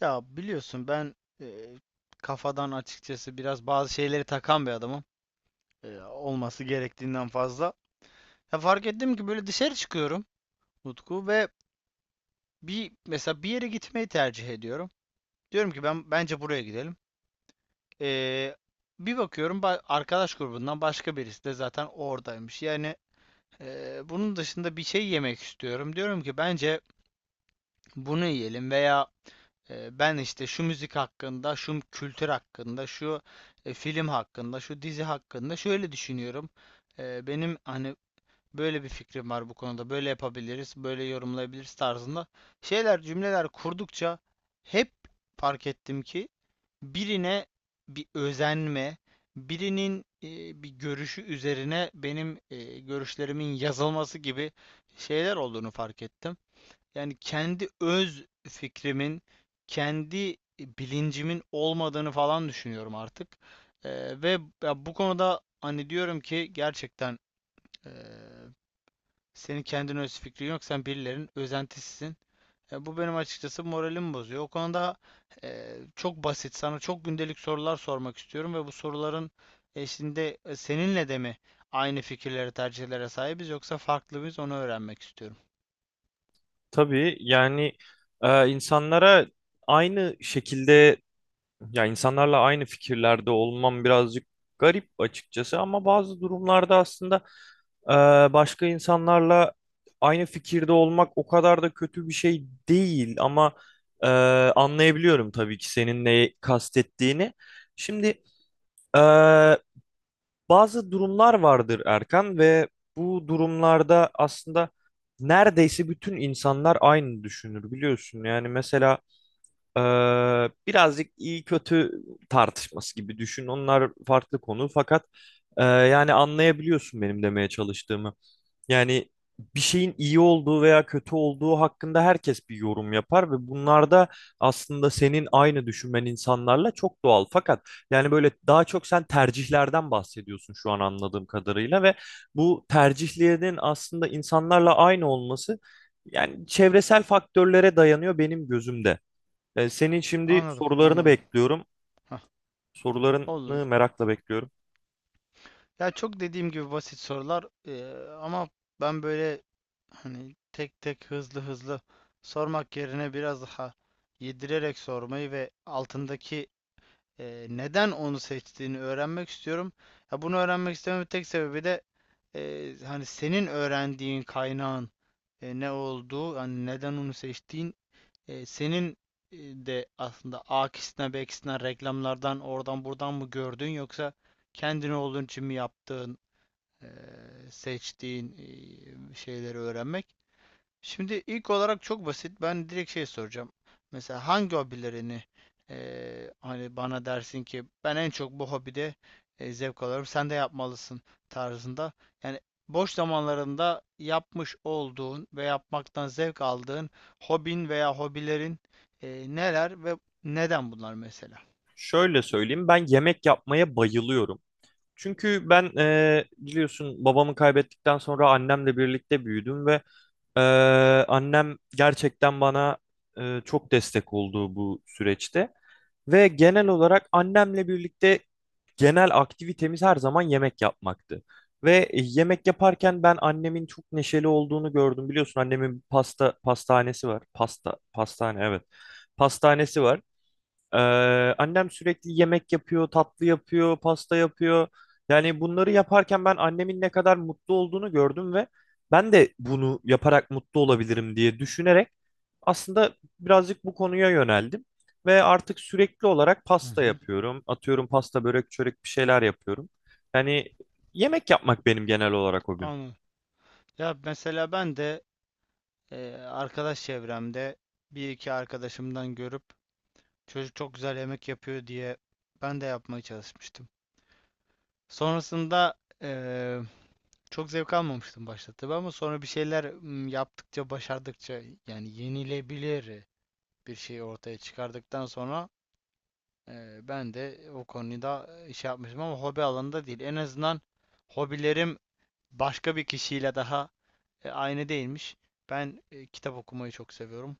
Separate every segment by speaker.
Speaker 1: Ya biliyorsun ben e, kafadan açıkçası biraz bazı şeyleri takan bir adamım. Olması gerektiğinden fazla. Ya fark ettim ki böyle dışarı çıkıyorum Utku ve mesela bir yere gitmeyi tercih ediyorum. Diyorum ki ben bence buraya gidelim. E, Bir bakıyorum arkadaş grubundan başka birisi de zaten oradaymış. Yani bunun dışında bir şey yemek istiyorum. Diyorum ki bence bunu yiyelim veya ben işte şu müzik hakkında, şu kültür hakkında, şu film hakkında, şu dizi hakkında şöyle düşünüyorum. Benim hani böyle bir fikrim var bu konuda. Böyle yapabiliriz, böyle yorumlayabiliriz tarzında şeyler, cümleler kurdukça hep fark ettim ki birine bir özenme, birinin bir görüşü üzerine benim görüşlerimin yazılması gibi şeyler olduğunu fark ettim. Yani kendi öz fikrimin, kendi bilincimin olmadığını falan düşünüyorum artık. Ve ya bu konuda hani diyorum ki gerçekten eee, senin kendin öz fikrin yok, sen birilerinin özentisisin. E, bu benim açıkçası moralimi bozuyor. O konuda çok basit, sana çok gündelik sorular sormak istiyorum ve bu soruların eşliğinde seninle de mi aynı fikirlere, tercihlere sahibiz yoksa farklı mıyız onu öğrenmek istiyorum.
Speaker 2: Tabii yani insanlara aynı şekilde ya insanlarla aynı fikirlerde olmam birazcık garip açıkçası ama bazı durumlarda aslında e, başka insanlarla aynı fikirde olmak o kadar da kötü bir şey değil ama e, anlayabiliyorum tabii ki senin neyi kastettiğini. Şimdi e, bazı durumlar vardır Erkan ve bu durumlarda aslında neredeyse bütün insanlar aynı düşünür biliyorsun. Yani mesela birazcık iyi kötü tartışması gibi düşün. Onlar farklı konu fakat yani anlayabiliyorsun benim demeye çalıştığımı. Yani bir şeyin iyi olduğu veya kötü olduğu hakkında herkes bir yorum yapar ve bunlarda aslında senin aynı düşünmen insanlarla çok doğal. Fakat yani böyle daha çok sen tercihlerden bahsediyorsun şu an anladığım kadarıyla ve bu tercihlerin aslında insanlarla aynı olması yani çevresel faktörlere dayanıyor benim gözümde. Senin şimdi
Speaker 1: Anladım,
Speaker 2: sorularını
Speaker 1: anladım.
Speaker 2: bekliyorum.
Speaker 1: Hah,
Speaker 2: Sorularını
Speaker 1: olur.
Speaker 2: merakla bekliyorum.
Speaker 1: Ya çok dediğim gibi basit sorular, ama ben böyle hani tek tek hızlı hızlı sormak yerine biraz daha yedirerek sormayı ve altındaki neden onu seçtiğini öğrenmek istiyorum. Ya bunu öğrenmek istememin tek sebebi de hani senin öğrendiğin kaynağın ne olduğu, hani neden onu seçtiğin, senin de aslında A'kisinden B'kisinden reklamlardan oradan buradan mı gördün yoksa kendin olduğun için mi yaptığın e, seçtiğin şeyleri öğrenmek. Şimdi ilk olarak çok basit. Ben direkt şey soracağım. Mesela hangi hobilerini hani bana dersin ki ben en çok bu hobide zevk alıyorum. Sen de yapmalısın tarzında. Yani boş zamanlarında yapmış olduğun ve yapmaktan zevk aldığın hobin veya hobilerin neler ve neden bunlar mesela?
Speaker 2: Şöyle söyleyeyim, ben yemek yapmaya bayılıyorum. Çünkü ben biliyorsun, babamı kaybettikten sonra annemle birlikte büyüdüm ve annem gerçekten bana çok destek oldu bu süreçte. Ve genel olarak annemle birlikte genel aktivitemiz her zaman yemek yapmaktı. Ve yemek yaparken ben annemin çok neşeli olduğunu gördüm. Biliyorsun annemin pasta pastanesi var. Pasta pastane, evet. Pastanesi var. Ee, Annem sürekli yemek yapıyor, tatlı yapıyor, pasta yapıyor. Yani bunları yaparken ben annemin ne kadar mutlu olduğunu gördüm ve ben de bunu yaparak mutlu olabilirim diye düşünerek aslında birazcık bu konuya yöneldim. Ve artık sürekli olarak
Speaker 1: Hı
Speaker 2: pasta
Speaker 1: hı.
Speaker 2: yapıyorum. Atıyorum, pasta, börek, çörek bir şeyler yapıyorum. Yani yemek yapmak benim genel olarak hobim.
Speaker 1: Anladım. Ya mesela ben de arkadaş çevremde bir iki arkadaşımdan görüp çocuk çok güzel yemek yapıyor diye ben de yapmaya çalışmıştım. Sonrasında eee, çok zevk almamıştım başta tabii ama sonra bir şeyler yaptıkça, başardıkça yani yenilebilir bir şey ortaya çıkardıktan sonra, ben de o konuda iş yapmıştım ama hobi alanında değil. En azından hobilerim başka bir kişiyle daha aynı değilmiş. Ben kitap okumayı çok seviyorum.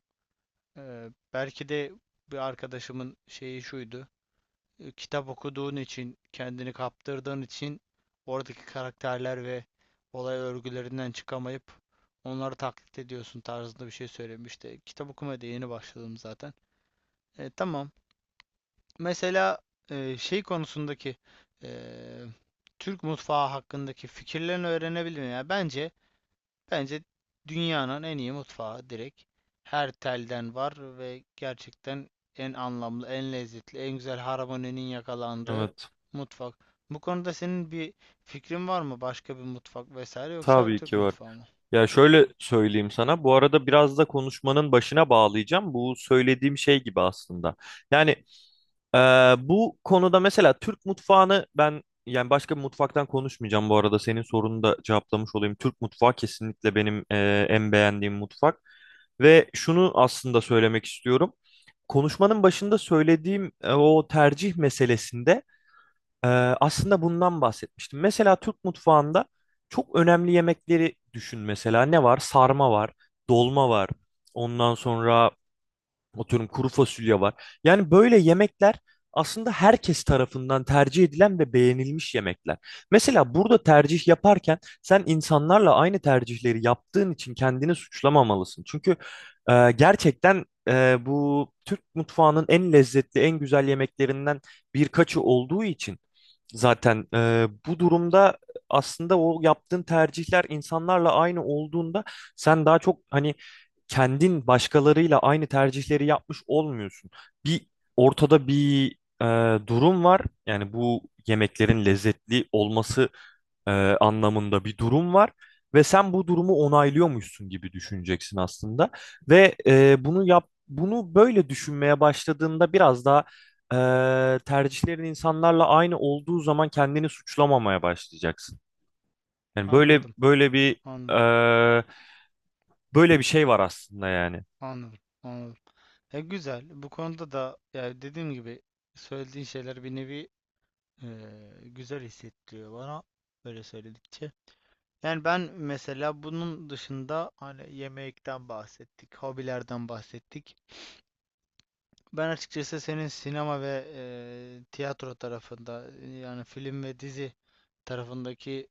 Speaker 1: Belki de bir arkadaşımın şeyi şuydu. E, Kitap okuduğun için, kendini kaptırdığın için oradaki karakterler ve olay örgülerinden çıkamayıp onları taklit ediyorsun tarzında bir şey söylemişti. Kitap okumaya da yeni başladım zaten. E, tamam. Mesela şey konusundaki e, Türk mutfağı hakkındaki fikirlerini öğrenebilirim. Yani bence, dünyanın en iyi mutfağı direkt. Her telden var ve gerçekten en anlamlı, en lezzetli, en güzel harmoninin yakalandığı
Speaker 2: Evet.
Speaker 1: mutfak. Bu konuda senin bir fikrin var mı? Başka bir mutfak vesaire yoksa
Speaker 2: Tabii
Speaker 1: Türk
Speaker 2: ki var.
Speaker 1: mutfağı mı?
Speaker 2: Ya şöyle söyleyeyim sana. Bu arada biraz da konuşmanın başına bağlayacağım. Bu söylediğim şey gibi aslında. Yani e, bu konuda mesela Türk mutfağını ben, yani başka bir mutfaktan konuşmayacağım bu arada. Senin sorunu da cevaplamış olayım. Türk mutfağı kesinlikle benim en beğendiğim mutfak. Ve şunu aslında söylemek istiyorum. Konuşmanın başında söylediğim o tercih meselesinde ee, aslında bundan bahsetmiştim. Mesela Türk mutfağında çok önemli yemekleri düşün mesela. Ne var? Sarma var, dolma var. Ondan sonra, atıyorum, kuru fasulye var. Yani böyle yemekler aslında herkes tarafından tercih edilen ve beğenilmiş yemekler. Mesela burada tercih yaparken sen insanlarla aynı tercihleri yaptığın için kendini suçlamamalısın. Çünkü gerçekten bu Türk mutfağının en lezzetli, en güzel yemeklerinden birkaçı olduğu için, zaten bu durumda aslında o yaptığın tercihler insanlarla aynı olduğunda sen daha çok hani kendin başkalarıyla aynı tercihleri yapmış olmuyorsun. Bir Ortada bir durum var. Yani bu yemeklerin lezzetli olması anlamında bir durum var. Ve sen bu durumu onaylıyormuşsun gibi düşüneceksin aslında. Ve bunu yap, bunu böyle düşünmeye başladığında biraz daha tercihlerin insanlarla aynı olduğu zaman kendini suçlamamaya başlayacaksın. Yani böyle
Speaker 1: Anladım,
Speaker 2: böyle bir
Speaker 1: anladım,
Speaker 2: e, Böyle bir şey var aslında yani.
Speaker 1: anladım, anladım. E güzel. Bu konuda da yani dediğim gibi söylediğin şeyler bir nevi e, güzel hissettiriyor bana böyle söyledikçe. Yani ben mesela bunun dışında hani yemekten bahsettik, hobilerden bahsettik. Ben açıkçası senin sinema ve tiyatro tarafında yani film ve dizi tarafındaki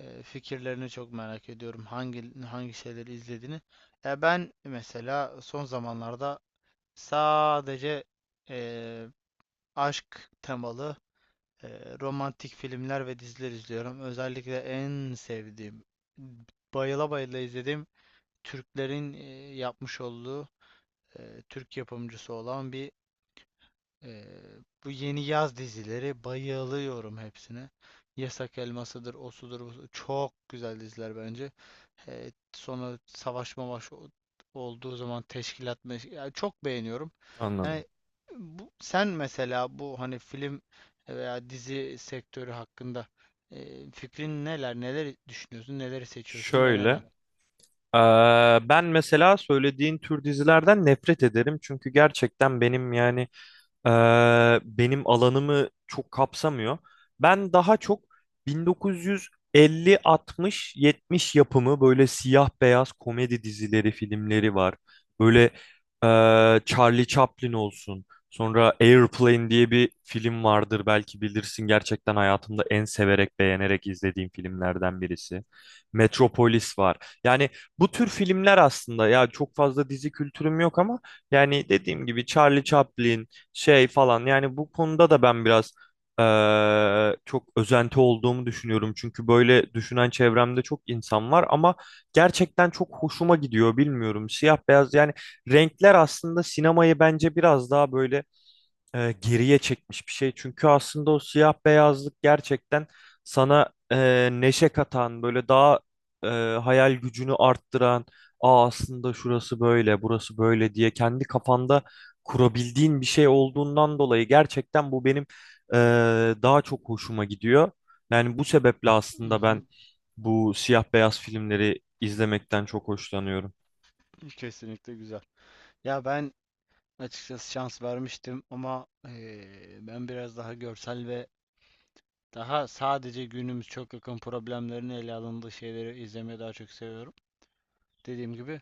Speaker 1: eee, fikirlerini çok merak ediyorum. Hangi şeyleri izlediğini. Ya ben mesela son zamanlarda sadece eee, aşk temalı romantik filmler ve diziler izliyorum. Özellikle en sevdiğim, bayıla bayıla izlediğim Türklerin yapmış olduğu Türk yapımcısı olan bir e, bu yeni yaz dizileri bayılıyorum hepsine. Yasak Elması'dır, Osu'dur, busudur. Çok güzel diziler bence. E, sonra savaş mavaş olduğu zaman teşkilat yani çok beğeniyorum.
Speaker 2: Anladım.
Speaker 1: Yani bu, sen mesela bu hani film veya dizi sektörü hakkında fikrin neler, neler düşünüyorsun, neleri seçiyorsun ve
Speaker 2: Şöyle.
Speaker 1: neden?
Speaker 2: Ben mesela söylediğin tür dizilerden nefret ederim. Çünkü gerçekten benim, yani benim alanımı çok kapsamıyor. Ben daha çok 1950, 60, 70 yapımı, böyle siyah beyaz komedi dizileri, filmleri var. Böyle Charlie Chaplin olsun. Sonra Airplane diye bir film vardır, belki bilirsin. Gerçekten hayatımda en severek, beğenerek izlediğim filmlerden birisi. Metropolis var. Yani bu tür filmler aslında, ya çok fazla dizi kültürüm yok ama yani dediğim gibi Charlie Chaplin, şey falan. Yani bu konuda da ben biraz çok özenti olduğumu düşünüyorum. Çünkü böyle düşünen çevremde çok insan var ama gerçekten çok hoşuma gidiyor, bilmiyorum. Siyah beyaz, yani renkler aslında sinemayı bence biraz daha böyle geriye çekmiş bir şey. Çünkü aslında o siyah beyazlık gerçekten sana neşe katan, böyle daha e, hayal gücünü arttıran, aa, aslında şurası böyle, burası böyle diye kendi kafanda kurabildiğin bir şey olduğundan dolayı gerçekten bu benim e, daha çok hoşuma gidiyor. Yani bu sebeple aslında
Speaker 1: Mhm.
Speaker 2: ben bu siyah beyaz filmleri izlemekten çok hoşlanıyorum.
Speaker 1: Kesinlikle güzel. Ya ben açıkçası şans vermiştim ama ben biraz daha görsel ve daha sadece günümüz çok yakın problemlerini ele alındığı şeyleri izlemeyi daha çok seviyorum. Dediğim gibi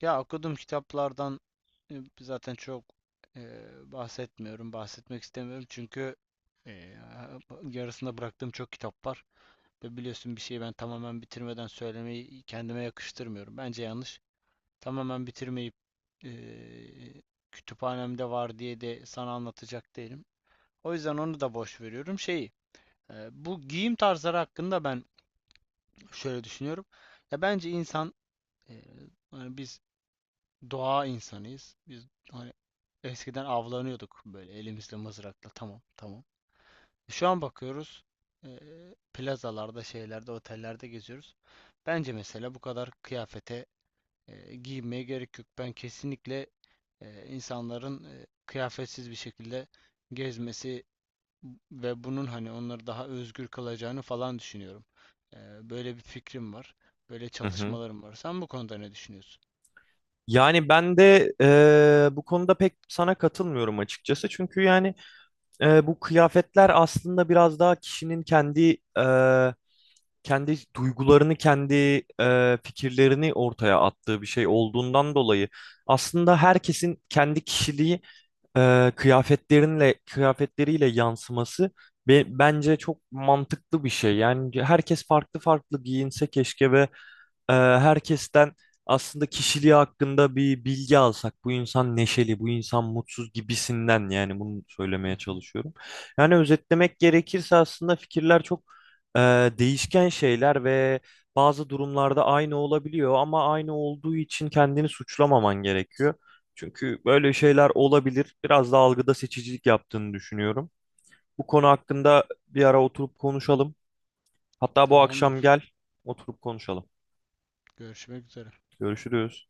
Speaker 1: ya okuduğum kitaplardan zaten çok e, bahsetmiyorum, bahsetmek istemiyorum çünkü e, yarısında bıraktığım çok kitap var ve biliyorsun bir şeyi ben tamamen bitirmeden söylemeyi kendime yakıştırmıyorum. Bence yanlış tamamen bitirmeyip eee, kütüphanemde var diye de sana anlatacak değilim. O yüzden onu da boş veriyorum. Şeyi, bu giyim tarzları hakkında ben şöyle düşünüyorum. Ya bence insan, eee, hani biz doğa insanıyız. Biz hani eskiden avlanıyorduk böyle elimizle mızrakla. Tamam, tamam. Şu an bakıyoruz. Plazalarda, şeylerde, otellerde geziyoruz. Bence mesela bu kadar kıyafete giyinmeye gerek yok. Ben kesinlikle insanların kıyafetsiz bir şekilde gezmesi ve bunun hani onları daha özgür kılacağını falan düşünüyorum. E, böyle bir fikrim var. Böyle
Speaker 2: Hı hı.
Speaker 1: çalışmalarım var. Sen bu konuda ne düşünüyorsun?
Speaker 2: Yani ben de bu konuda pek sana katılmıyorum açıkçası. Çünkü yani bu kıyafetler aslında biraz daha kişinin kendi kendi duygularını, kendi fikirlerini ortaya attığı bir şey olduğundan dolayı aslında herkesin kendi kişiliği kıyafetleriyle yansıması bence çok mantıklı bir şey. Yani herkes farklı farklı giyinse keşke ve herkesten aslında kişiliği hakkında bir bilgi alsak, bu insan neşeli, bu insan mutsuz gibisinden, yani bunu
Speaker 1: Hı
Speaker 2: söylemeye
Speaker 1: hı.
Speaker 2: çalışıyorum. Yani özetlemek gerekirse aslında fikirler çok e, değişken şeyler ve bazı durumlarda aynı olabiliyor ama aynı olduğu için kendini suçlamaman gerekiyor. Çünkü böyle şeyler olabilir. Biraz da algıda seçicilik yaptığını düşünüyorum. Bu konu hakkında bir ara oturup konuşalım. Hatta bu akşam
Speaker 1: Tamamdır.
Speaker 2: gel, oturup konuşalım.
Speaker 1: Görüşmek üzere.
Speaker 2: Görüşürüz.